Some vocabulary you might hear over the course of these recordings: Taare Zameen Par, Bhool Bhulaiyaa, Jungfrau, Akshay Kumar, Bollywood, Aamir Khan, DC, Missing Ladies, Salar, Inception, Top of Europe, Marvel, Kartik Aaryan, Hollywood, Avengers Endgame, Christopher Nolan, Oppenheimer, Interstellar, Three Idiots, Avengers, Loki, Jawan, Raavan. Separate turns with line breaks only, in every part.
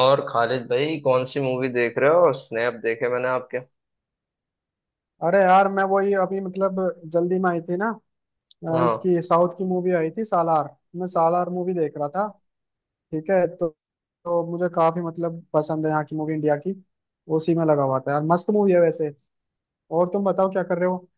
और खालिद भाई कौन सी मूवी देख रहे हो? स्नैप देखे मैंने आपके।
अरे यार मैं वही अभी जल्दी में आई थी ना।
हाँ।
इसकी साउथ की मूवी आई थी सालार। मैं सालार मूवी देख रहा था। ठीक है तो मुझे काफी पसंद है यहाँ की मूवी इंडिया की। उसी में लगा हुआ था यार, मस्त मूवी है वैसे। और तुम बताओ क्या कर रहे हो?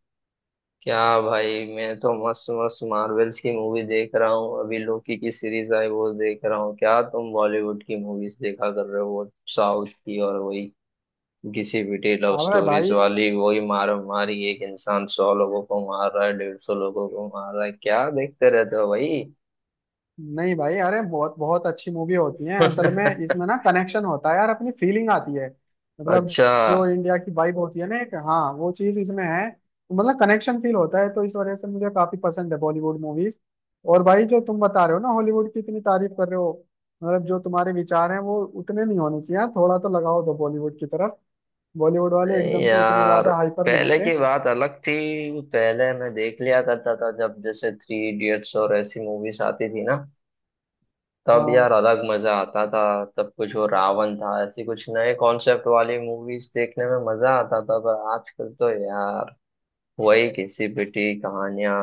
क्या भाई, मैं तो मस्त मस्त मार्वल्स की मूवी देख रहा हूँ। अभी लोकी की सीरीज आई, वो देख रहा हूँ। क्या तुम बॉलीवुड की मूवीज देखा कर रहे हो, वो साउथ की और वही किसी पिटी लव
अबे
स्टोरीज
भाई,
वाली, वही मार मारी, एक इंसान 100 लोगों को मार रहा है, 150 लोगों को मार रहा है। क्या देखते रहते हो भाई?
नहीं भाई, अरे बहुत बहुत अच्छी मूवी होती है। असल में इसमें ना कनेक्शन होता है यार, अपनी फीलिंग आती है। मतलब
अच्छा।
जो इंडिया की वाइब होती है ना एक, हाँ, वो चीज इसमें है, तो मतलब कनेक्शन फील होता है, तो इस वजह से मुझे काफी पसंद है बॉलीवुड मूवीज। और भाई जो तुम बता रहे हो ना, हॉलीवुड की इतनी तारीफ कर रहे हो, मतलब जो तुम्हारे विचार हैं वो उतने नहीं होने चाहिए यार, थोड़ा तो लगाओ दो बॉलीवुड की तरफ। बॉलीवुड वाले
नहीं
एकदम से उतने
यार,
ज्यादा हाइपर नहीं
पहले
होते।
की बात अलग थी। पहले मैं देख लिया करता था, जब जैसे थ्री इडियट्स और ऐसी मूवीज आती थी ना, तब
हाँ
यार अलग मजा आता था। तब कुछ वो रावण था, ऐसी कुछ नए कॉन्सेप्ट वाली मूवीज देखने में मजा आता था। पर आजकल तो यार वही घिसी पिटी कहानियां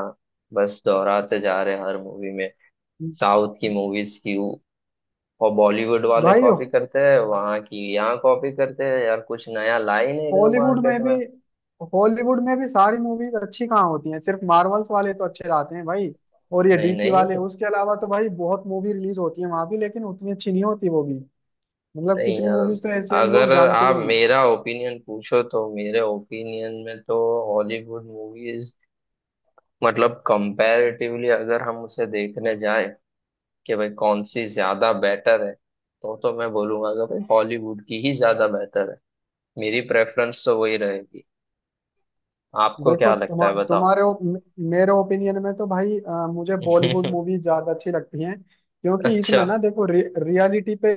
बस दोहराते जा रहे हैं हर मूवी में। साउथ की मूवीज की और बॉलीवुड वाले
भाई,
कॉपी करते हैं, वहां की यहाँ कॉपी करते हैं यार, कुछ नया ला ही नहीं रहे हो
हॉलीवुड
मार्केट
में भी
में।
हॉलीवुड में भी सारी मूवीज अच्छी कहाँ होती हैं? सिर्फ मार्वल्स वाले तो अच्छे लाते हैं भाई और ये
नहीं
डीसी वाले,
नहीं।
उसके अलावा तो भाई बहुत मूवी रिलीज होती है वहां भी, लेकिन उतनी अच्छी नहीं होती वो भी। मतलब
नहीं
कितनी
यार,
मूवीज तो ऐसी हम लोग
अगर
जानते ही
आप
नहीं।
मेरा ओपिनियन पूछो तो मेरे ओपिनियन में तो हॉलीवुड मूवीज, मतलब कंपैरेटिवली अगर हम उसे देखने जाए कि भाई कौन सी ज्यादा बेटर है, तो मैं बोलूंगा कि भाई हॉलीवुड की ही ज्यादा बेटर है। मेरी प्रेफरेंस तो वही रहेगी। आपको
देखो
क्या लगता
तुम्हा,
है, बताओ।
तुम्हारे ओ- मे- मेरे ओपिनियन में तो भाई मुझे बॉलीवुड मूवी ज्यादा अच्छी लगती हैं, क्योंकि
अच्छा।
इसमें ना देखो रियलिटी पे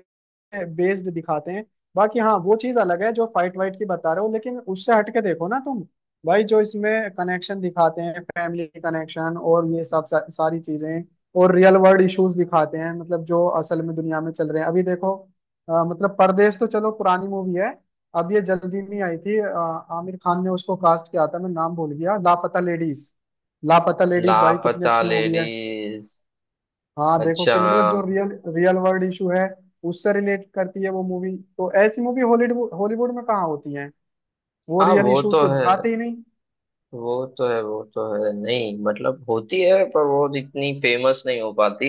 बेस्ड दिखाते हैं। बाकी हाँ, वो चीज अलग है जो फाइट वाइट की बता रहे हो, लेकिन उससे हटके देखो ना तुम। भाई जो इसमें कनेक्शन दिखाते हैं, फैमिली कनेक्शन और ये सब सारी चीजें। और रियल वर्ल्ड इश्यूज दिखाते हैं, मतलब जो असल में दुनिया में चल रहे हैं अभी देखो। मतलब परदेश तो चलो पुरानी मूवी है। अब ये जल्दी में आई थी आमिर खान ने उसको कास्ट किया था, मैं नाम भूल गया, लापता लेडीज। लापता लेडीज भाई कितनी
लापता
अच्छी मूवी है।
लेडीज।
हाँ देखो,
अच्छा
कि मतलब जो
हाँ।
रियल, रियल वर्ल्ड इशू है उससे रिलेट करती है वो मूवी। तो ऐसी मूवी हॉलीवुड हॉलीवुड में कहाँ होती है? वो
हाँ
रियल
वो
इश्यूज
तो
को
है।
दिखाते ही नहीं।
वो तो है वो तो है। नहीं मतलब होती है, पर वो इतनी फेमस नहीं हो पाती,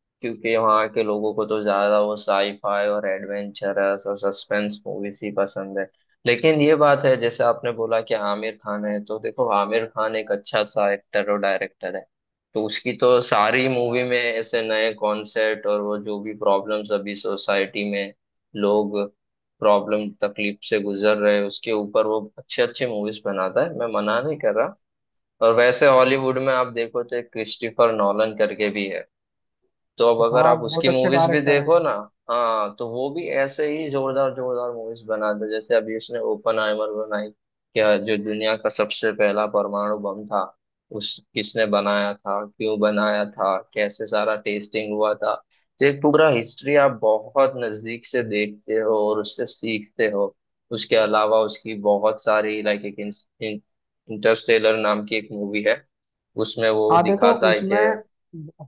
क्योंकि वहाँ के लोगों को तो ज्यादा वो साईफाई और एडवेंचरस और सस्पेंस मूवीज ही पसंद है। लेकिन ये बात है, जैसे आपने बोला कि आमिर खान है, तो देखो आमिर खान एक अच्छा सा एक्टर और डायरेक्टर है। तो उसकी तो सारी मूवी में ऐसे नए कॉन्सेप्ट, और वो जो भी प्रॉब्लम्स अभी सोसाइटी में लोग, प्रॉब्लम तकलीफ से गुजर रहे हैं, उसके ऊपर वो अच्छे अच्छे मूवीज बनाता है। मैं मना नहीं कर रहा। और वैसे हॉलीवुड में आप देखो, तो एक क्रिस्टोफर नॉलन करके भी है। तो अब अगर
हाँ,
आप
बहुत
उसकी
अच्छे
मूवीज भी
डायरेक्टर हैं।
देखो ना, हाँ, तो वो भी ऐसे ही जोरदार जोरदार मूवीज बनाते हैं। जैसे अभी उसने ओपन आइमर बनाई, क्या, जो दुनिया का सबसे पहला परमाणु बम था, उस किसने बनाया था, क्यों बनाया था, कैसे सारा टेस्टिंग हुआ था। तो एक पूरा हिस्ट्री आप बहुत नजदीक से देखते हो और उससे सीखते हो। उसके अलावा उसकी बहुत सारी, लाइक एक इंटरस्टेलर नाम की एक मूवी है, उसमें वो
हाँ देखो
दिखाता है
उसमें,
कि,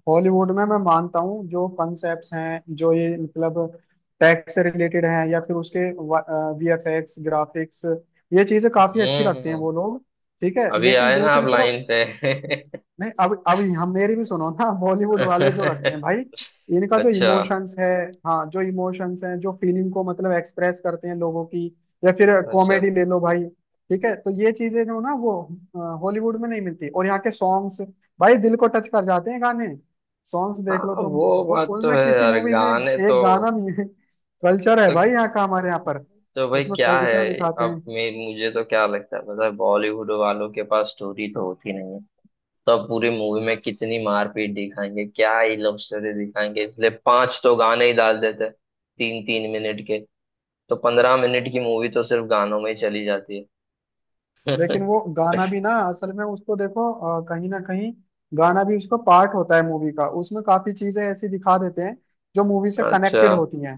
हॉलीवुड में मैं मानता हूँ जो कॉन्सेप्ट्स हैं, जो ये टैक्स से रिलेटेड हैं या फिर उसके वीएफएक्स ग्राफिक्स, ये चीजें काफी अच्छी रखते हैं
हम्म,
वो लोग। ठीक है,
अभी
लेकिन
आए ना
दूसरी
आप
तरफ,
लाइन पे।
नहीं अब हम मेरी भी सुनो ना, बॉलीवुड वाले जो रखते हैं भाई, इनका जो
अच्छा।
इमोशंस है, हाँ जो इमोशंस हैं, जो फीलिंग को मतलब एक्सप्रेस करते हैं लोगों की, या फिर
अच्छा।
कॉमेडी ले लो भाई। ठीक है, तो ये चीजें जो ना वो हॉलीवुड में नहीं मिलती। और यहाँ के सॉन्ग्स, भाई दिल को टच कर जाते हैं गाने, सॉन्ग्स देख लो
हाँ
तुम।
वो
और
बात तो
उसमें
है
किसी
यार,
मूवी में
गाने
एक गाना भी है, कल्चर है
तो
भाई यहाँ का, हमारे यहाँ पर
तो भाई
उसमें
क्या
कल्चर
है।
दिखाते
अब
हैं।
मैं मुझे तो क्या लगता है पता है, बॉलीवुड वालों के पास स्टोरी तो होती नहीं है। तो अब पूरी मूवी में कितनी मारपीट दिखाएंगे, क्या ही लव स्टोरी दिखाएंगे, इसलिए पांच तो गाने ही डाल देते हैं, तीन तीन मिनट के। तो 15 मिनट की मूवी तो सिर्फ गानों में ही चली जाती है।
लेकिन वो गाना भी ना, असल में उसको देखो कहीं ना कहीं गाना भी उसका पार्ट होता है मूवी का, उसमें काफी चीजें ऐसी दिखा देते हैं जो मूवी से
अच्छा।
कनेक्टेड होती हैं।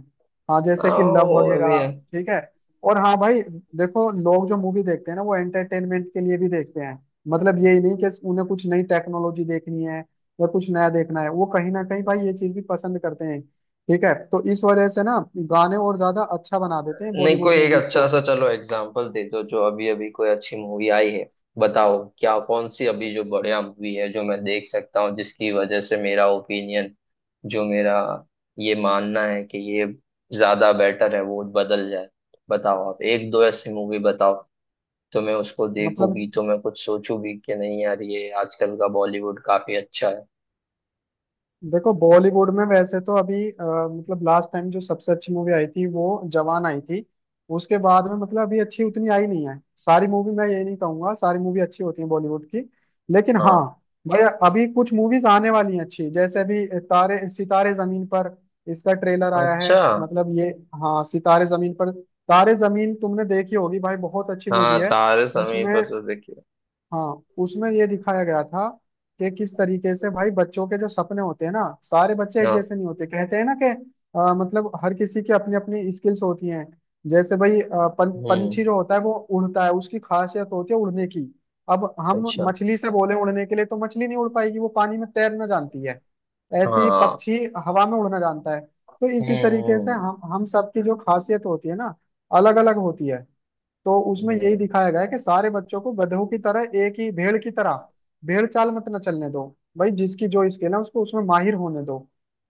हाँ, जैसे कि लव
आओ अभी।
वगैरह। ठीक है, और हाँ भाई देखो, लोग जो मूवी देखते हैं ना वो एंटरटेनमेंट के लिए भी देखते हैं। मतलब यही नहीं कि उन्हें कुछ नई टेक्नोलॉजी देखनी है या कुछ नया देखना है, वो कहीं ना कहीं भाई ये चीज भी पसंद करते हैं। ठीक है, तो इस वजह से ना गाने और ज्यादा अच्छा बना देते हैं
नहीं कोई
बॉलीवुड
एक
मूवीज को।
अच्छा सा, चलो एग्जाम्पल दे दो जो अभी अभी कोई अच्छी मूवी आई है। बताओ क्या, कौन सी अभी जो बढ़िया मूवी है जो मैं देख सकता हूँ, जिसकी वजह से मेरा ओपिनियन, जो मेरा ये मानना है कि ये ज्यादा बेटर है, वो बदल जाए। बताओ आप एक दो ऐसी मूवी बताओ, तो मैं उसको देखूं भी,
मतलब
तो मैं कुछ सोचूं भी कि नहीं यार, ये आजकल का बॉलीवुड काफी अच्छा है।
देखो बॉलीवुड में वैसे तो अभी मतलब लास्ट टाइम जो सबसे अच्छी मूवी आई थी वो जवान आई थी। उसके बाद में मतलब अभी अच्छी उतनी आई नहीं है। सारी मूवी, मैं ये नहीं कहूंगा सारी मूवी अच्छी होती है बॉलीवुड की। लेकिन हाँ
हाँ।
भाई, अभी कुछ मूवीज आने वाली हैं अच्छी, जैसे अभी तारे सितारे जमीन पर, इसका ट्रेलर आया है,
अच्छा
मतलब ये। हाँ, सितारे जमीन पर। तारे जमीन तुमने देखी होगी भाई, बहुत अच्छी मूवी
हाँ।
है।
तारे समय
उसमें,
पर तो देखिए।
हाँ उसमें ये दिखाया गया था कि किस तरीके से भाई बच्चों के जो सपने होते हैं ना, सारे बच्चे एक
हाँ।
जैसे नहीं होते, कहते हैं ना कि मतलब हर किसी की अपनी अपनी स्किल्स होती हैं। जैसे भाई
हम्म।
पंछी जो होता है वो उड़ता है, उसकी खासियत होती है उड़ने की। अब हम
अच्छा।
मछली से बोले उड़ने के लिए तो मछली नहीं उड़ पाएगी, वो पानी में तैरना जानती है। ऐसे ही
हाँ।
पक्षी हवा में उड़ना जानता है। तो इसी तरीके से
हम्म।
हम सबकी जो खासियत होती है ना, अलग अलग होती है। तो उसमें यही
हम्म।
दिखाया गया है कि सारे बच्चों को गधों की तरह, एक ही भेड़ की तरह, भेड़ चाल मत ना चलने दो। भाई जिसकी जो स्किल है उसको उसमें माहिर होने दो।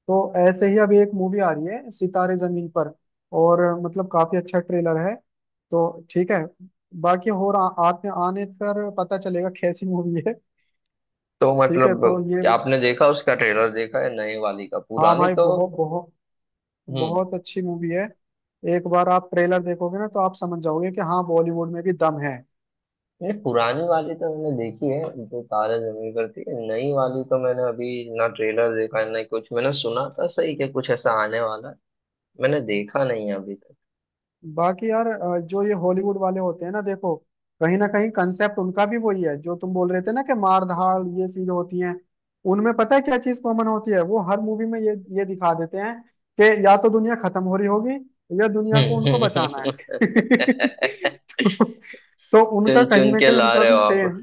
तो ऐसे ही अभी एक मूवी आ रही है सितारे जमीन पर, और मतलब काफी अच्छा ट्रेलर है। तो ठीक है, बाकी और आ, आते आने पर पता चलेगा कैसी मूवी है।
तो
ठीक है,
मतलब,
तो ये,
आपने देखा, उसका ट्रेलर देखा है नई वाली का?
हाँ
पुरानी
भाई
तो,
बहुत बहुत
हम्म,
बहुत अच्छी मूवी है। एक बार आप ट्रेलर देखोगे ना तो आप समझ जाओगे कि हाँ बॉलीवुड में भी दम है।
नहीं पुरानी वाली तो मैंने देखी है, जो तारे जमीन पर थी। नई वाली तो मैंने अभी ना ट्रेलर देखा है, ना कुछ। मैंने सुना था सही कि कुछ ऐसा आने वाला है, मैंने देखा नहीं है अभी तक।
बाकी यार जो ये हॉलीवुड वाले होते हैं ना देखो, कहीं ना कहीं कंसेप्ट उनका भी वही है जो तुम बोल रहे थे ना, कि मार धाड़ ये चीजें होती हैं उनमें। पता है क्या चीज कॉमन होती है? वो हर मूवी में ये दिखा देते हैं कि या तो दुनिया खत्म हो रही होगी या दुनिया को उनको
हम्म।
बचाना है। तो उनका
चुन
कहीं
चुन
ना
के
कहीं
ला
उनका
रहे हो
भी
आप।
सेम।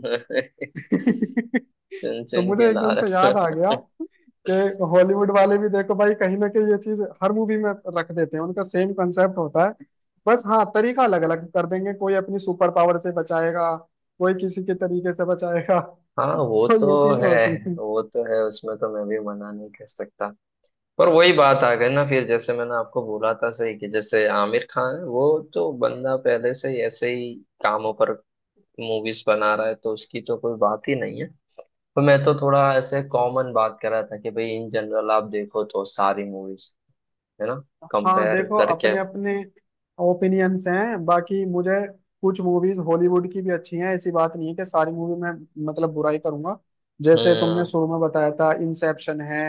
चुन
तो
चुन के
मुझे
ला
एकदम से
रहे
याद आ
हो।
गया कि हॉलीवुड वाले भी देखो भाई, कहीं ना कहीं ये चीज हर मूवी में रख देते हैं, उनका सेम कंसेप्ट होता है। बस हाँ, तरीका अलग अलग कर देंगे, कोई अपनी सुपर पावर से बचाएगा, कोई किसी के तरीके से बचाएगा।
हाँ वो
तो
तो
ये चीजें
है।
होती हैं।
वो तो है, उसमें तो मैं भी मना नहीं कर सकता। पर वही बात आ गई ना फिर, जैसे मैंने आपको बोला था सही, कि जैसे आमिर खान है, वो तो बंदा पहले से ही ऐसे ही कामों पर मूवीज बना रहा है, तो उसकी तो कोई बात ही नहीं है। तो मैं तो थोड़ा ऐसे कॉमन बात कर रहा था, कि भाई इन जनरल आप देखो तो सारी मूवीज, है ना,
हाँ
कंपेयर
देखो,
करके।
अपने अपने ओपिनियंस हैं। बाकी मुझे कुछ मूवीज हॉलीवुड की भी अच्छी हैं, ऐसी बात नहीं है कि सारी मूवी में मतलब बुराई करूंगा। जैसे तुमने
हम्म।
शुरू में बताया था इंसेप्शन है,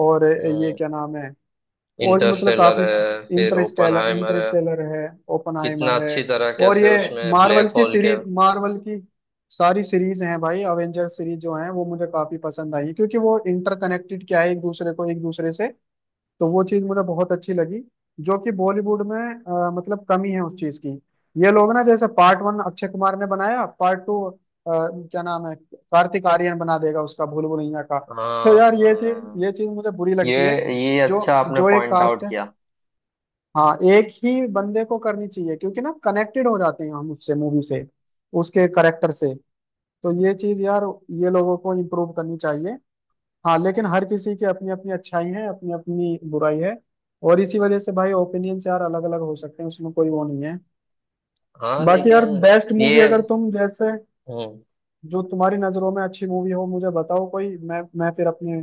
और ये क्या नाम है, और भी मतलब
इंटरस्टेलर
काफी,
है, फिर
इंटरस्टेलर
ओपनहाइमर है।
इंटरस्टेलर है, ओपनहाइमर
कितना
है,
अच्छी तरह,
और
कैसे
ये
उसमें
मार्वल
ब्लैक
की
होल के,
सीरीज, मार्वल की सारी सीरीज हैं भाई। अवेंजर सीरीज जो है वो मुझे काफी पसंद आई, क्योंकि वो इंटरकनेक्टेड क्या है, एक दूसरे को एक दूसरे से। तो वो चीज मुझे बहुत अच्छी लगी, जो कि बॉलीवुड में मतलब कमी है उस चीज की। ये लोग ना जैसे पार्ट वन अक्षय कुमार ने बनाया, पार्ट टू क्या नाम है कार्तिक आर्यन बना देगा उसका, भूल भुलैया का। तो यार ये चीज ये
हाँ।
चीज मुझे बुरी
ये
लगती है।
ये
जो
अच्छा आपने
जो एक
पॉइंट
कास्ट
आउट
है,
किया।
हाँ एक ही बंदे को करनी चाहिए, क्योंकि ना कनेक्टेड हो जाते हैं हम उससे, मूवी से, उसके करेक्टर से। तो ये चीज यार ये लोगों को इम्प्रूव करनी चाहिए। हाँ लेकिन हर किसी की अपनी अपनी अच्छाई है, अपनी अपनी बुराई है, और इसी वजह से भाई ओपिनियंस यार अलग अलग हो सकते हैं, उसमें कोई वो नहीं है।
हाँ
बाकी यार
लेकिन।
बेस्ट
ये
मूवी, अगर तुम जैसे,
हम्म
जो तुम्हारी नजरों में अच्छी मूवी हो मुझे बताओ कोई, मैं फिर अपने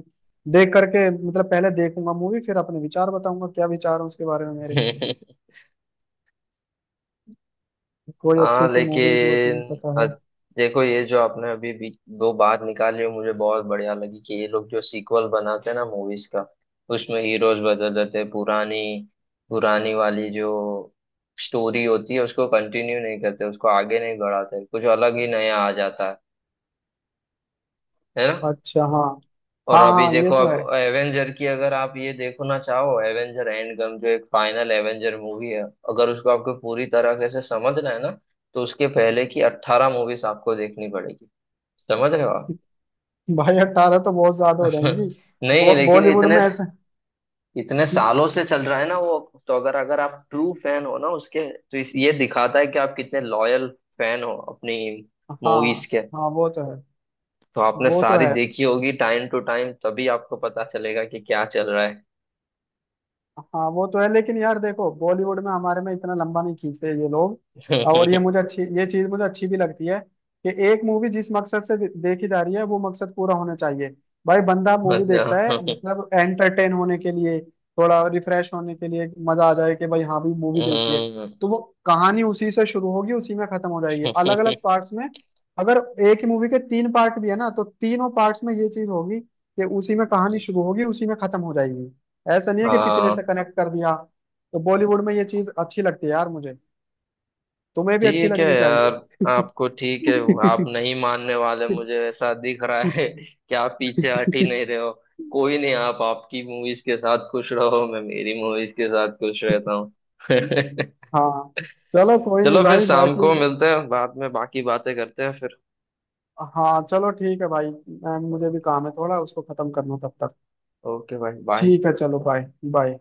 देख करके मतलब पहले देखूंगा मूवी, फिर अपने विचार बताऊंगा क्या विचार है उसके बारे में मेरे। कोई
हाँ
अच्छी सी मूवी जो तुम्हें
लेकिन,
पता हो।
देखो ये जो आपने अभी भी दो बात निकाली, वो मुझे बहुत बढ़िया लगी, कि ये लोग जो सीक्वल बनाते हैं ना मूवीज का, उसमें हीरोज बदल देते हैं। पुरानी पुरानी वाली जो स्टोरी होती है, उसको कंटिन्यू नहीं करते, उसको आगे नहीं बढ़ाते, कुछ अलग ही नया आ जाता है ना।
अच्छा, हाँ,
और
हाँ
अभी
हाँ ये
देखो,
तो है।
अब एवेंजर की, अगर आप ये देखना चाहो, एवेंजर एंड गम जो एक फाइनल एवेंजर मूवी है, अगर उसको आपको पूरी तरह से समझना है ना, तो उसके पहले की 18 मूवीज आपको देखनी पड़ेगी। समझ रहे हो आप?
भाई 18 तो बहुत ज्यादा हो जाएंगी,
नहीं लेकिन,
बॉलीवुड
इतने
में ऐसे।
इतने सालों से चल रहा है ना वो, तो अगर अगर आप ट्रू फैन हो ना उसके, तो इस, ये दिखाता है कि आप कितने लॉयल फैन हो अपनी
हाँ,
मूवीज के।
हाँ वो तो है,
तो आपने
वो तो
सारी
है।
देखी होगी टाइम टू टाइम, तभी आपको पता चलेगा कि क्या चल रहा
हाँ वो तो है, लेकिन यार देखो बॉलीवुड में हमारे में इतना लंबा नहीं खींचते ये लोग, और
है।
ये मुझे अच्छी, ये चीज मुझे अच्छी भी लगती है कि एक मूवी जिस मकसद से देखी जा रही है वो मकसद पूरा होना चाहिए। भाई बंदा मूवी देखता है
बजा-
मतलब एंटरटेन होने के लिए, थोड़ा रिफ्रेश होने के लिए, मजा आ जाए कि भाई हाँ भी मूवी देखिए।
हम्म।
तो वो कहानी उसी से शुरू होगी उसी में खत्म हो जाएगी, अलग अलग पार्ट्स में। अगर एक ही मूवी के 3 पार्ट भी है ना, तो तीनों पार्ट्स में ये चीज होगी कि उसी में कहानी शुरू होगी उसी में खत्म हो जाएगी। ऐसा नहीं है कि पिछले से
हाँ
कनेक्ट कर दिया। तो बॉलीवुड में ये चीज अच्छी लगती है यार मुझे, तुम्हें भी अच्छी
ठीक है
लगनी
यार।
चाहिए।
आपको ठीक है, आप नहीं मानने वाले, मुझे ऐसा दिख रहा है कि आप पीछे हट ही नहीं रहे हो। कोई नहीं, आप आपकी मूवीज के साथ खुश रहो, मैं मेरी मूवीज के साथ खुश रहता हूँ।
हाँ चलो कोई नहीं
चलो फिर
भाई,
शाम
बाकी
को मिलते हैं, बाद में बाकी बातें करते हैं फिर।
हाँ चलो ठीक है भाई, मुझे भी
ओके।
काम है थोड़ा उसको खत्म करना तब तक।
ओके भाई, बाय।
ठीक है चलो, बाय बाय।